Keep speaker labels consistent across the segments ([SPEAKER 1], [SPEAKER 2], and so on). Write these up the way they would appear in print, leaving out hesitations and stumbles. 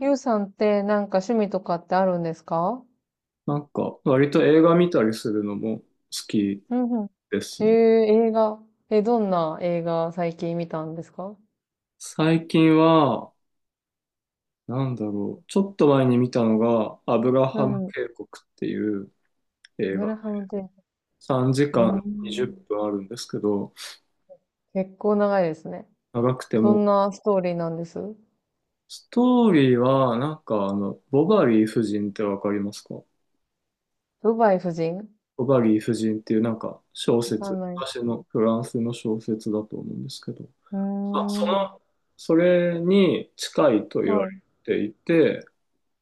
[SPEAKER 1] ゆうさんってなんか趣味とかってあるんですか？
[SPEAKER 2] なんか、割と映画見たりするのも好き
[SPEAKER 1] うんうん。
[SPEAKER 2] です
[SPEAKER 1] へ
[SPEAKER 2] ね。
[SPEAKER 1] え、映画。え、どんな映画最近見たんですか？
[SPEAKER 2] 最近は、なんだろう、ちょっと前に見たのが、アブラ
[SPEAKER 1] う
[SPEAKER 2] ハム
[SPEAKER 1] ん、ブ
[SPEAKER 2] 渓谷っていう映
[SPEAKER 1] グ
[SPEAKER 2] 画。
[SPEAKER 1] ラハムテープ。
[SPEAKER 2] 3
[SPEAKER 1] う
[SPEAKER 2] 時間20
[SPEAKER 1] ん。
[SPEAKER 2] 分あるんですけど、
[SPEAKER 1] 結構長いですね。
[SPEAKER 2] 長くて
[SPEAKER 1] ど
[SPEAKER 2] も、
[SPEAKER 1] んなストーリーなんです？
[SPEAKER 2] ストーリーは、なんか、ボバリー夫人ってわかりますか？
[SPEAKER 1] ドバイ夫人わ
[SPEAKER 2] ボバリー夫人っていうなんか小
[SPEAKER 1] か
[SPEAKER 2] 説、
[SPEAKER 1] んない。う
[SPEAKER 2] 昔のフランスの小説だと思うんですけど、
[SPEAKER 1] ー
[SPEAKER 2] まあ、
[SPEAKER 1] ん。
[SPEAKER 2] それに近いと言わ
[SPEAKER 1] は
[SPEAKER 2] れ
[SPEAKER 1] い。
[SPEAKER 2] ていて、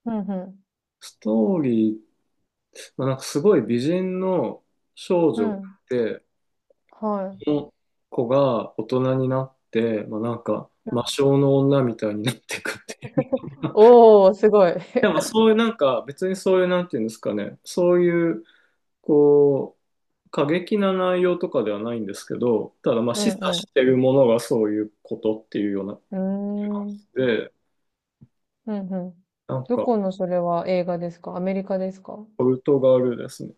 [SPEAKER 1] うんうん。
[SPEAKER 2] ストーリー、まあ、なんかすごい美人の少
[SPEAKER 1] う
[SPEAKER 2] 女がい
[SPEAKER 1] ん。
[SPEAKER 2] て、
[SPEAKER 1] は
[SPEAKER 2] そ
[SPEAKER 1] い。
[SPEAKER 2] の子が大人になって、まあ、なんか魔性の女みたいになっていくっていう。
[SPEAKER 1] おー、すごい。
[SPEAKER 2] でも そういうなんか別にそういうなんていうんですかね、そういうこう過激な内容とかではないんですけど、ただまあ
[SPEAKER 1] う
[SPEAKER 2] 示唆
[SPEAKER 1] ん
[SPEAKER 2] してるものがそういうことっていうような。
[SPEAKER 1] うん。うーん。
[SPEAKER 2] で、
[SPEAKER 1] うんうん。
[SPEAKER 2] なん
[SPEAKER 1] ど
[SPEAKER 2] か
[SPEAKER 1] このそれは映画ですか？アメリカですか？
[SPEAKER 2] ポルトガルですね。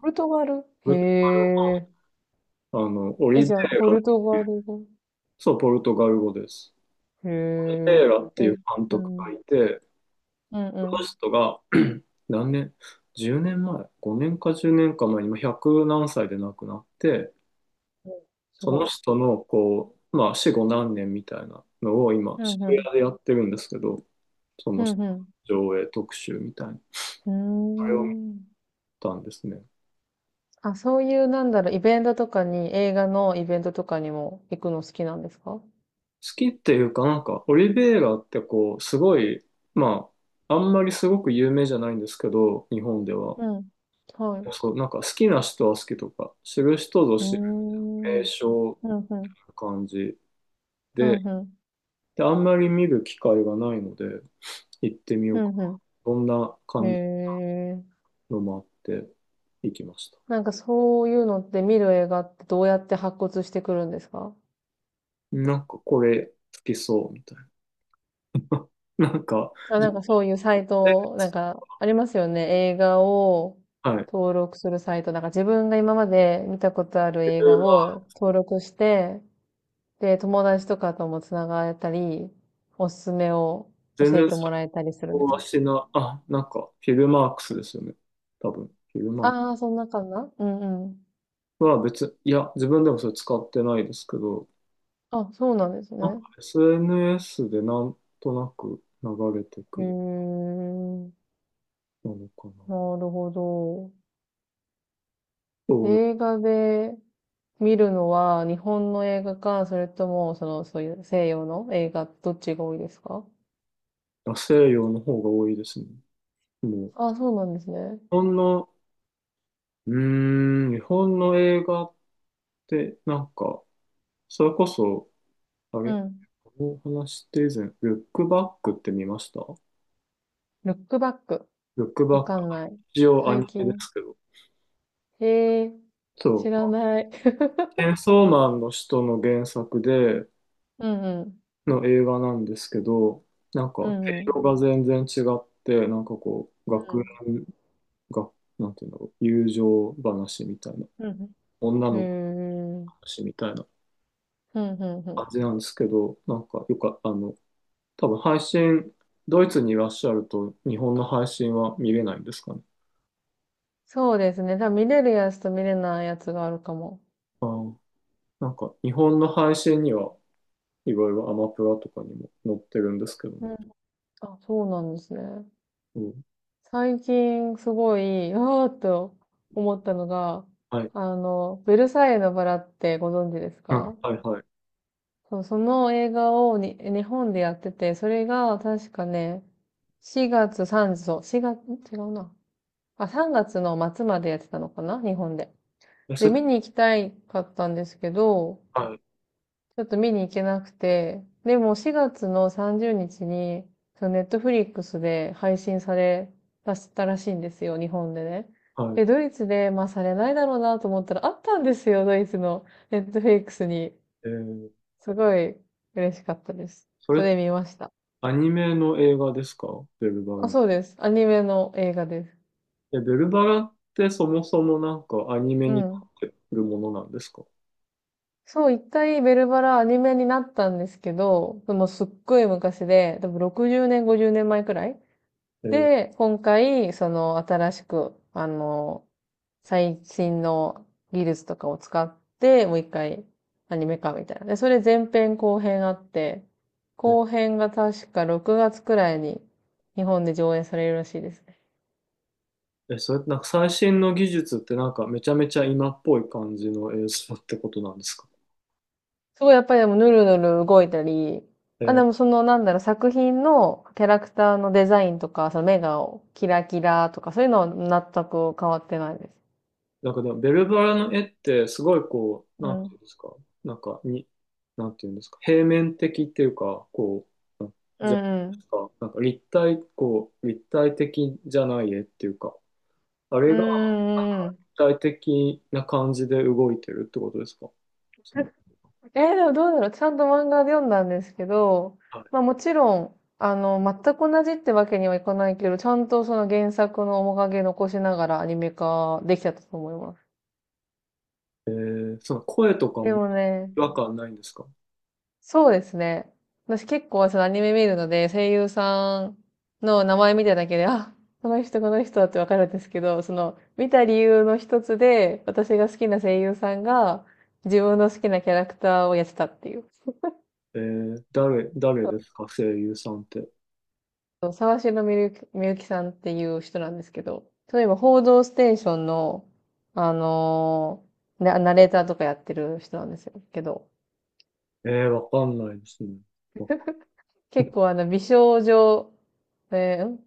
[SPEAKER 1] ポルトガル、
[SPEAKER 2] ポ
[SPEAKER 1] へ
[SPEAKER 2] ル
[SPEAKER 1] え。
[SPEAKER 2] あの、オ
[SPEAKER 1] え、
[SPEAKER 2] リベイ
[SPEAKER 1] じゃあ、ポ
[SPEAKER 2] ラ、
[SPEAKER 1] ルトガル語？
[SPEAKER 2] そう、ポルトガル語です。
[SPEAKER 1] へ
[SPEAKER 2] テ
[SPEAKER 1] え。
[SPEAKER 2] ーラっ
[SPEAKER 1] え、
[SPEAKER 2] ていう監
[SPEAKER 1] う
[SPEAKER 2] 督
[SPEAKER 1] ん。う
[SPEAKER 2] がい
[SPEAKER 1] ん
[SPEAKER 2] て、
[SPEAKER 1] う
[SPEAKER 2] その
[SPEAKER 1] ん。
[SPEAKER 2] 人が 何年、 10 年前、 5 年か10年か前に、今100何歳で亡くなって、
[SPEAKER 1] うん、す
[SPEAKER 2] その
[SPEAKER 1] ごい。
[SPEAKER 2] 人のこう、まあ死後何年みたいなのを今
[SPEAKER 1] うん
[SPEAKER 2] 渋
[SPEAKER 1] うん。
[SPEAKER 2] 谷でやってるんですけど、そ
[SPEAKER 1] う
[SPEAKER 2] の人
[SPEAKER 1] んう
[SPEAKER 2] の上映特集みたいな。それを見
[SPEAKER 1] ん。うーん。
[SPEAKER 2] たんですね。好
[SPEAKER 1] あ、そういう、イベントとかに、映画のイベントとかにも行くの好きなんですか？
[SPEAKER 2] きっていうかなんか、オリベイラってこう、すごい、まあ、あんまりすごく有名じゃないんですけど、日本では。
[SPEAKER 1] うん。はい。う
[SPEAKER 2] そう、なんか好きな人は好きとか、知る人ぞ
[SPEAKER 1] ー
[SPEAKER 2] 知
[SPEAKER 1] ん。う
[SPEAKER 2] 名
[SPEAKER 1] ん
[SPEAKER 2] 所
[SPEAKER 1] うん。
[SPEAKER 2] な感じ
[SPEAKER 1] うん
[SPEAKER 2] で、
[SPEAKER 1] うん。
[SPEAKER 2] で、あんまり見る機会がないので、行ってみよ
[SPEAKER 1] う
[SPEAKER 2] うか。
[SPEAKER 1] んう
[SPEAKER 2] どんな
[SPEAKER 1] ん。へ
[SPEAKER 2] 感じ
[SPEAKER 1] え。
[SPEAKER 2] のもあって行きました。
[SPEAKER 1] なんかそういうのって見る映画ってどうやって発掘してくるんですか？
[SPEAKER 2] なんかこれ好きそうみたいな。なんか、
[SPEAKER 1] あ、
[SPEAKER 2] 全
[SPEAKER 1] なんかそういうサイ
[SPEAKER 2] 然、
[SPEAKER 1] ト、なんかありますよね。映画を
[SPEAKER 2] はい。
[SPEAKER 1] 登録するサイト。なんか自分が今まで見たことある
[SPEAKER 2] フィ
[SPEAKER 1] 映画
[SPEAKER 2] ルマ
[SPEAKER 1] を登録して、で、友達とかともつながったり、おすすめを
[SPEAKER 2] 全
[SPEAKER 1] 教え
[SPEAKER 2] 然
[SPEAKER 1] て
[SPEAKER 2] 想
[SPEAKER 1] もらえたりする
[SPEAKER 2] 像
[SPEAKER 1] みたい
[SPEAKER 2] は
[SPEAKER 1] な。
[SPEAKER 2] しな、あ、なんかフィルマークスですよね。多分。フィルマーク
[SPEAKER 1] ああ、そんな感じな、うんうん。
[SPEAKER 2] スは別、いや、自分でもそれ使ってないですけど、
[SPEAKER 1] あ、そうなんです
[SPEAKER 2] なんか
[SPEAKER 1] ね。
[SPEAKER 2] SNS でなんとなく流れてく
[SPEAKER 1] へ
[SPEAKER 2] る
[SPEAKER 1] え、
[SPEAKER 2] ものかな。
[SPEAKER 1] なるほど。
[SPEAKER 2] そう、
[SPEAKER 1] 映画で見るのは日本の映画か、それとも、その、そういう西洋の映画、どっちが多いですか？
[SPEAKER 2] あ、西洋の方が多いですね。もう、
[SPEAKER 1] あ、
[SPEAKER 2] 日
[SPEAKER 1] そうなんですね。
[SPEAKER 2] 本の、日本の映画って、なんか、それこそ、あ
[SPEAKER 1] う
[SPEAKER 2] れ、
[SPEAKER 1] ん。
[SPEAKER 2] この話って以前、ルックバックって見ました？
[SPEAKER 1] ルックバック。
[SPEAKER 2] ルックバ
[SPEAKER 1] わ
[SPEAKER 2] ッ
[SPEAKER 1] か
[SPEAKER 2] ク、
[SPEAKER 1] んない。
[SPEAKER 2] 一応ア
[SPEAKER 1] 最
[SPEAKER 2] ニメで
[SPEAKER 1] 近。
[SPEAKER 2] すけど、
[SPEAKER 1] へえ、
[SPEAKER 2] そ
[SPEAKER 1] 知ら
[SPEAKER 2] う、
[SPEAKER 1] ない。
[SPEAKER 2] チェンソーマンの人の原作で、
[SPEAKER 1] うんうん。
[SPEAKER 2] の映画なんですけど、なんか、
[SPEAKER 1] う
[SPEAKER 2] 内
[SPEAKER 1] んうん。
[SPEAKER 2] 容が全然違って、なんかこう、
[SPEAKER 1] う
[SPEAKER 2] 学
[SPEAKER 1] ん。
[SPEAKER 2] 園が、なんていうんだろう、友情話みたいな、
[SPEAKER 1] うん。
[SPEAKER 2] 女
[SPEAKER 1] へえ。
[SPEAKER 2] の子の
[SPEAKER 1] うん
[SPEAKER 2] 話みたいな。
[SPEAKER 1] うんうん。
[SPEAKER 2] 感じなんですけど、なんかよか、多分配信、ドイツにいらっしゃると日本の配信は見れないんですかね。
[SPEAKER 1] そうですね。多分見れるやつと見れないやつがあるかも。
[SPEAKER 2] あー、なんか日本の配信にはいろいろアマプラとかにも載ってるんですけど、
[SPEAKER 1] うん。あ、そうなんですね。
[SPEAKER 2] うん、
[SPEAKER 1] 最近すごい、あーっと思ったのが、
[SPEAKER 2] はい、
[SPEAKER 1] ベルサイユのバラってご存知です
[SPEAKER 2] うん、
[SPEAKER 1] か？
[SPEAKER 2] はいはい。
[SPEAKER 1] そう、その映画をに日本でやってて、それが確かね、4月3、そう、4月、違うな。あ、3月の末までやってたのかな、日本で。
[SPEAKER 2] え、そ
[SPEAKER 1] で、
[SPEAKER 2] れ、
[SPEAKER 1] 見に行きたいかったんですけど、
[SPEAKER 2] はい、
[SPEAKER 1] ちょっと見に行けなくて、でも4月の30日にちに、そのネットフリックスで配信されたしたらしいんですよ、日本でね。
[SPEAKER 2] はい。
[SPEAKER 1] で、ドイツで、まあされないだろうなと思ったら、あったんですよ、ドイツのネットフリックスに。
[SPEAKER 2] えー、
[SPEAKER 1] すごい嬉しかったです。
[SPEAKER 2] それ
[SPEAKER 1] そ
[SPEAKER 2] って
[SPEAKER 1] れ見ました。
[SPEAKER 2] アニメの映画ですか？ベルバ
[SPEAKER 1] あ、
[SPEAKER 2] ラ。
[SPEAKER 1] そうです。アニメの映画です。
[SPEAKER 2] え、ベルバラってそもそもなんかアニメ
[SPEAKER 1] う
[SPEAKER 2] になっ
[SPEAKER 1] ん。
[SPEAKER 2] てるものなんですか？
[SPEAKER 1] そう、一回ベルバラアニメになったんですけど、でもすっごい昔で、多分60年、50年前くらい。
[SPEAKER 2] えー、
[SPEAKER 1] で、今回、その新しく、最新の技術とかを使って、もう一回アニメ化みたいな。で、それ前編後編あって、後編が確か6月くらいに日本で上演されるらしいです。
[SPEAKER 2] え、それってなんか最新の技術ってなんかめちゃめちゃ今っぽい感じの映像ってことなんですか？
[SPEAKER 1] すごい、やっぱりでもヌルヌル動いたり、
[SPEAKER 2] え
[SPEAKER 1] あ、で
[SPEAKER 2] ー、
[SPEAKER 1] もその作品のキャラクターのデザインとか、その目がキラキラとか、そういうのは全く変わってないです。
[SPEAKER 2] なんかでもベルバラの絵ってすごいこう、
[SPEAKER 1] う
[SPEAKER 2] なんてい
[SPEAKER 1] ん。
[SPEAKER 2] うんですか、なんかに、なんていうんですか、平面的っていうか、こう、
[SPEAKER 1] う
[SPEAKER 2] じゃないで
[SPEAKER 1] んうん。
[SPEAKER 2] すか、なんか立体、こう、立体的じゃない絵っていうか、あ
[SPEAKER 1] うー
[SPEAKER 2] れが
[SPEAKER 1] ん、うんうん。
[SPEAKER 2] 立体的な感じで動いてるってことですか？その、
[SPEAKER 1] えー、でもどうだろう。ちゃんと漫画で読んだんですけど、
[SPEAKER 2] は
[SPEAKER 1] まあ
[SPEAKER 2] い。
[SPEAKER 1] もちろん、全く同じってわけにはいかないけど、ちゃんとその原作の面影残しながらアニメ化できちゃったと思います。
[SPEAKER 2] えー、その声とか
[SPEAKER 1] で
[SPEAKER 2] も
[SPEAKER 1] もね、
[SPEAKER 2] 違和感ないんですか？
[SPEAKER 1] そうですね。私結構そのアニメ見るので、声優さんの名前見ただけで、あ、この人ってわかるんですけど、その見た理由の一つで、私が好きな声優さんが自分の好きなキャラクターをやってたっていう。
[SPEAKER 2] えー、誰、誰ですか声優さんって。
[SPEAKER 1] そう沢城みゆき、みゆきさんっていう人なんですけど、例えば報道ステーションの、あのーなナレーターとかやってる人なんですよ。けど、
[SPEAKER 2] えー、わかんないですね。
[SPEAKER 1] 結構美少女、えーん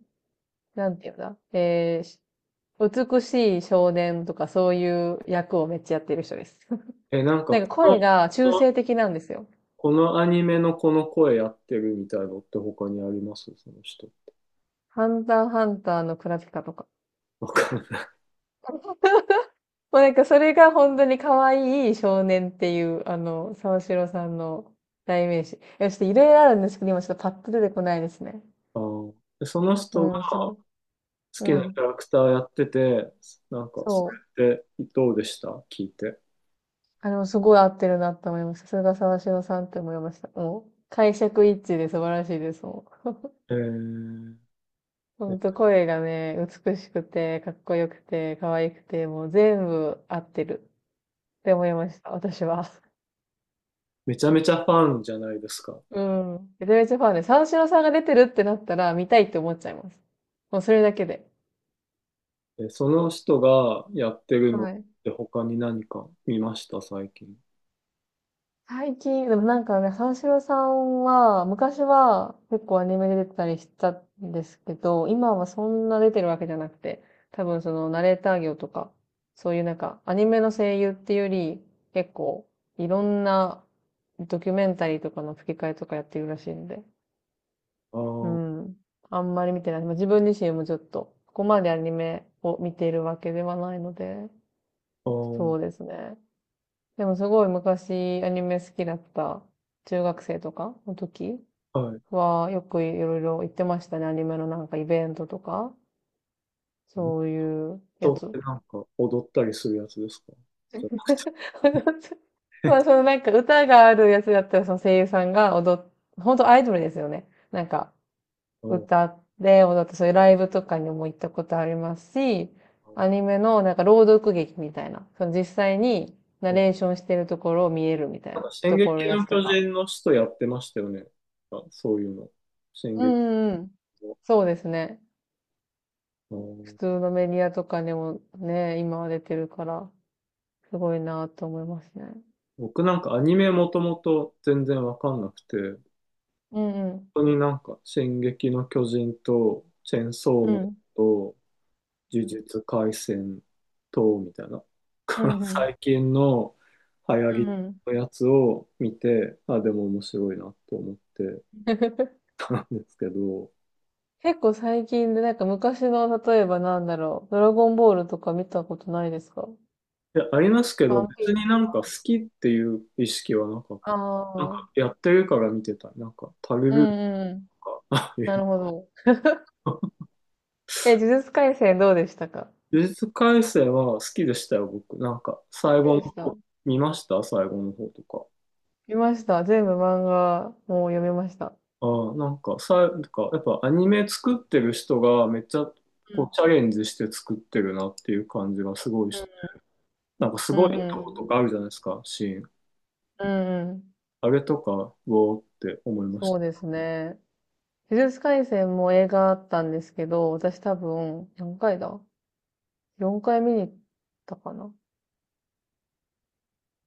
[SPEAKER 1] なんていうんだ、美しい少年とかそういう役をめっちゃやってる人です。
[SPEAKER 2] え、なんか
[SPEAKER 1] なんか
[SPEAKER 2] この、
[SPEAKER 1] 声が
[SPEAKER 2] こ
[SPEAKER 1] 中
[SPEAKER 2] の
[SPEAKER 1] 性的なんですよ。
[SPEAKER 2] このアニメのこの声やってるみたいなのって他にありますその人。
[SPEAKER 1] ハンターハンターのクラピカとか。
[SPEAKER 2] わかんない。
[SPEAKER 1] もうなんかそれが本当に可愛い少年っていう、沢城さんの代名詞。いや、ちょっといろいろあるんですけど、今ちょっとパッと出てこないですね。
[SPEAKER 2] あー、でその人が
[SPEAKER 1] うん、そ
[SPEAKER 2] 好
[SPEAKER 1] う。う
[SPEAKER 2] きなキャ
[SPEAKER 1] ん、
[SPEAKER 2] ラクターやってて、なんか、そ
[SPEAKER 1] そう。
[SPEAKER 2] れってどうでした聞いて。
[SPEAKER 1] あれもすごい合ってるなって思いました。さすが沢城さんって思いました。もう、解釈一致で素晴らしいです。もう
[SPEAKER 2] えー、
[SPEAKER 1] ほんと声がね、美しくて、かっこよくて、可愛くて、もう全部合ってるって思いました、私は。
[SPEAKER 2] めちゃめちゃファンじゃないですか。
[SPEAKER 1] うん。めちゃめちゃファンで、三四郎さんが出てるってなったら見たいって思っちゃいます。もうそれだけで。
[SPEAKER 2] え、その人がやってるのっ
[SPEAKER 1] はい。
[SPEAKER 2] て他に何か見ました最近？
[SPEAKER 1] 最近、でもなんかね、三四郎さんは、昔は結構アニメで出てたりしたんですけど、今はそんな出てるわけじゃなくて、多分そのナレーター業とか、そういうなんかアニメの声優っていうより、結構いろんなドキュメンタリーとかの吹き替えとかやってるらしいんで、
[SPEAKER 2] あ
[SPEAKER 1] う
[SPEAKER 2] ー
[SPEAKER 1] ん。あんまり見てない。まあ、自分自身もちょっと、ここまでアニメを見ているわけではないので、
[SPEAKER 2] あー、
[SPEAKER 1] そうですね。でもすごい昔アニメ好きだった中学生とかの時
[SPEAKER 2] は
[SPEAKER 1] はよくいろいろ行ってましたね。アニメのなんかイベントとか、
[SPEAKER 2] い。
[SPEAKER 1] そういうやつ。
[SPEAKER 2] なんか踊ったりするやつですか？
[SPEAKER 1] まあそ のなんか歌があるやつだったらその声優さんが踊っ、本当アイドルですよね。なんか
[SPEAKER 2] うん、
[SPEAKER 1] 歌って踊ってそういうライブとかにも行ったことありますし、アニメのなんか朗読劇みたいな、その実際にナレーションしてるところを見えるみたい
[SPEAKER 2] なん
[SPEAKER 1] な
[SPEAKER 2] か、進
[SPEAKER 1] ところの
[SPEAKER 2] 撃
[SPEAKER 1] や
[SPEAKER 2] の
[SPEAKER 1] つと
[SPEAKER 2] 巨
[SPEAKER 1] か。
[SPEAKER 2] 人の使徒やってましたよね。あ、そういうの。進
[SPEAKER 1] うん
[SPEAKER 2] 撃
[SPEAKER 1] うんうん。
[SPEAKER 2] の。
[SPEAKER 1] そうですね。
[SPEAKER 2] う
[SPEAKER 1] 普
[SPEAKER 2] ん、
[SPEAKER 1] 通のメディアとかでもね、今は出てるから、すごいなと思いますね。
[SPEAKER 2] 僕なんかアニメもともと全然わかんなくて、
[SPEAKER 1] うんうん。
[SPEAKER 2] 本当になんか、進撃の巨人と、チェンソー
[SPEAKER 1] う
[SPEAKER 2] マン
[SPEAKER 1] ん。
[SPEAKER 2] と、呪術廻戦と、みたいな、
[SPEAKER 1] う ん。うん。
[SPEAKER 2] 最近の流行
[SPEAKER 1] うんう
[SPEAKER 2] り
[SPEAKER 1] ん。
[SPEAKER 2] のやつを見て、あ、でも面白いなと思って たんですけど、
[SPEAKER 1] 結構最近で、なんか昔の、例えばドラゴンボールとか見たことないですか？
[SPEAKER 2] いや、ありますけど、
[SPEAKER 1] ワンピ
[SPEAKER 2] 別
[SPEAKER 1] ー
[SPEAKER 2] にな
[SPEAKER 1] ス。
[SPEAKER 2] んか好きっていう意識はなかっ
[SPEAKER 1] あ
[SPEAKER 2] た。なん
[SPEAKER 1] あ。うん
[SPEAKER 2] かやってるから見てた。なんか、パル
[SPEAKER 1] う
[SPEAKER 2] ルーと
[SPEAKER 1] んうん。
[SPEAKER 2] か、ああい
[SPEAKER 1] な
[SPEAKER 2] う
[SPEAKER 1] るほど。
[SPEAKER 2] の。
[SPEAKER 1] え、呪術廻戦どうでしたか？
[SPEAKER 2] 呪術廻戦は好きでしたよ、僕。なんか、最
[SPEAKER 1] 好き
[SPEAKER 2] 後の
[SPEAKER 1] でした？
[SPEAKER 2] 方、見ました最後の方とか？
[SPEAKER 1] 見ました。全部漫画もう読みました。
[SPEAKER 2] ああ、なんか、さ、なんか、やっぱアニメ作ってる人がめっちゃ、
[SPEAKER 1] う
[SPEAKER 2] こ
[SPEAKER 1] ん。
[SPEAKER 2] う、チャレンジして作ってるなっていう感じがすごいして。なんか、す
[SPEAKER 1] う
[SPEAKER 2] ごい
[SPEAKER 1] んうんう
[SPEAKER 2] とこと
[SPEAKER 1] ん。
[SPEAKER 2] かあるじゃないですか、シーン。
[SPEAKER 1] うんうん。
[SPEAKER 2] あれとか、うおーって思いまし
[SPEAKER 1] そうで
[SPEAKER 2] た。
[SPEAKER 1] すね。呪術廻戦も映画あったんですけど、私多分、何回だ？ 4 回見に行ったかな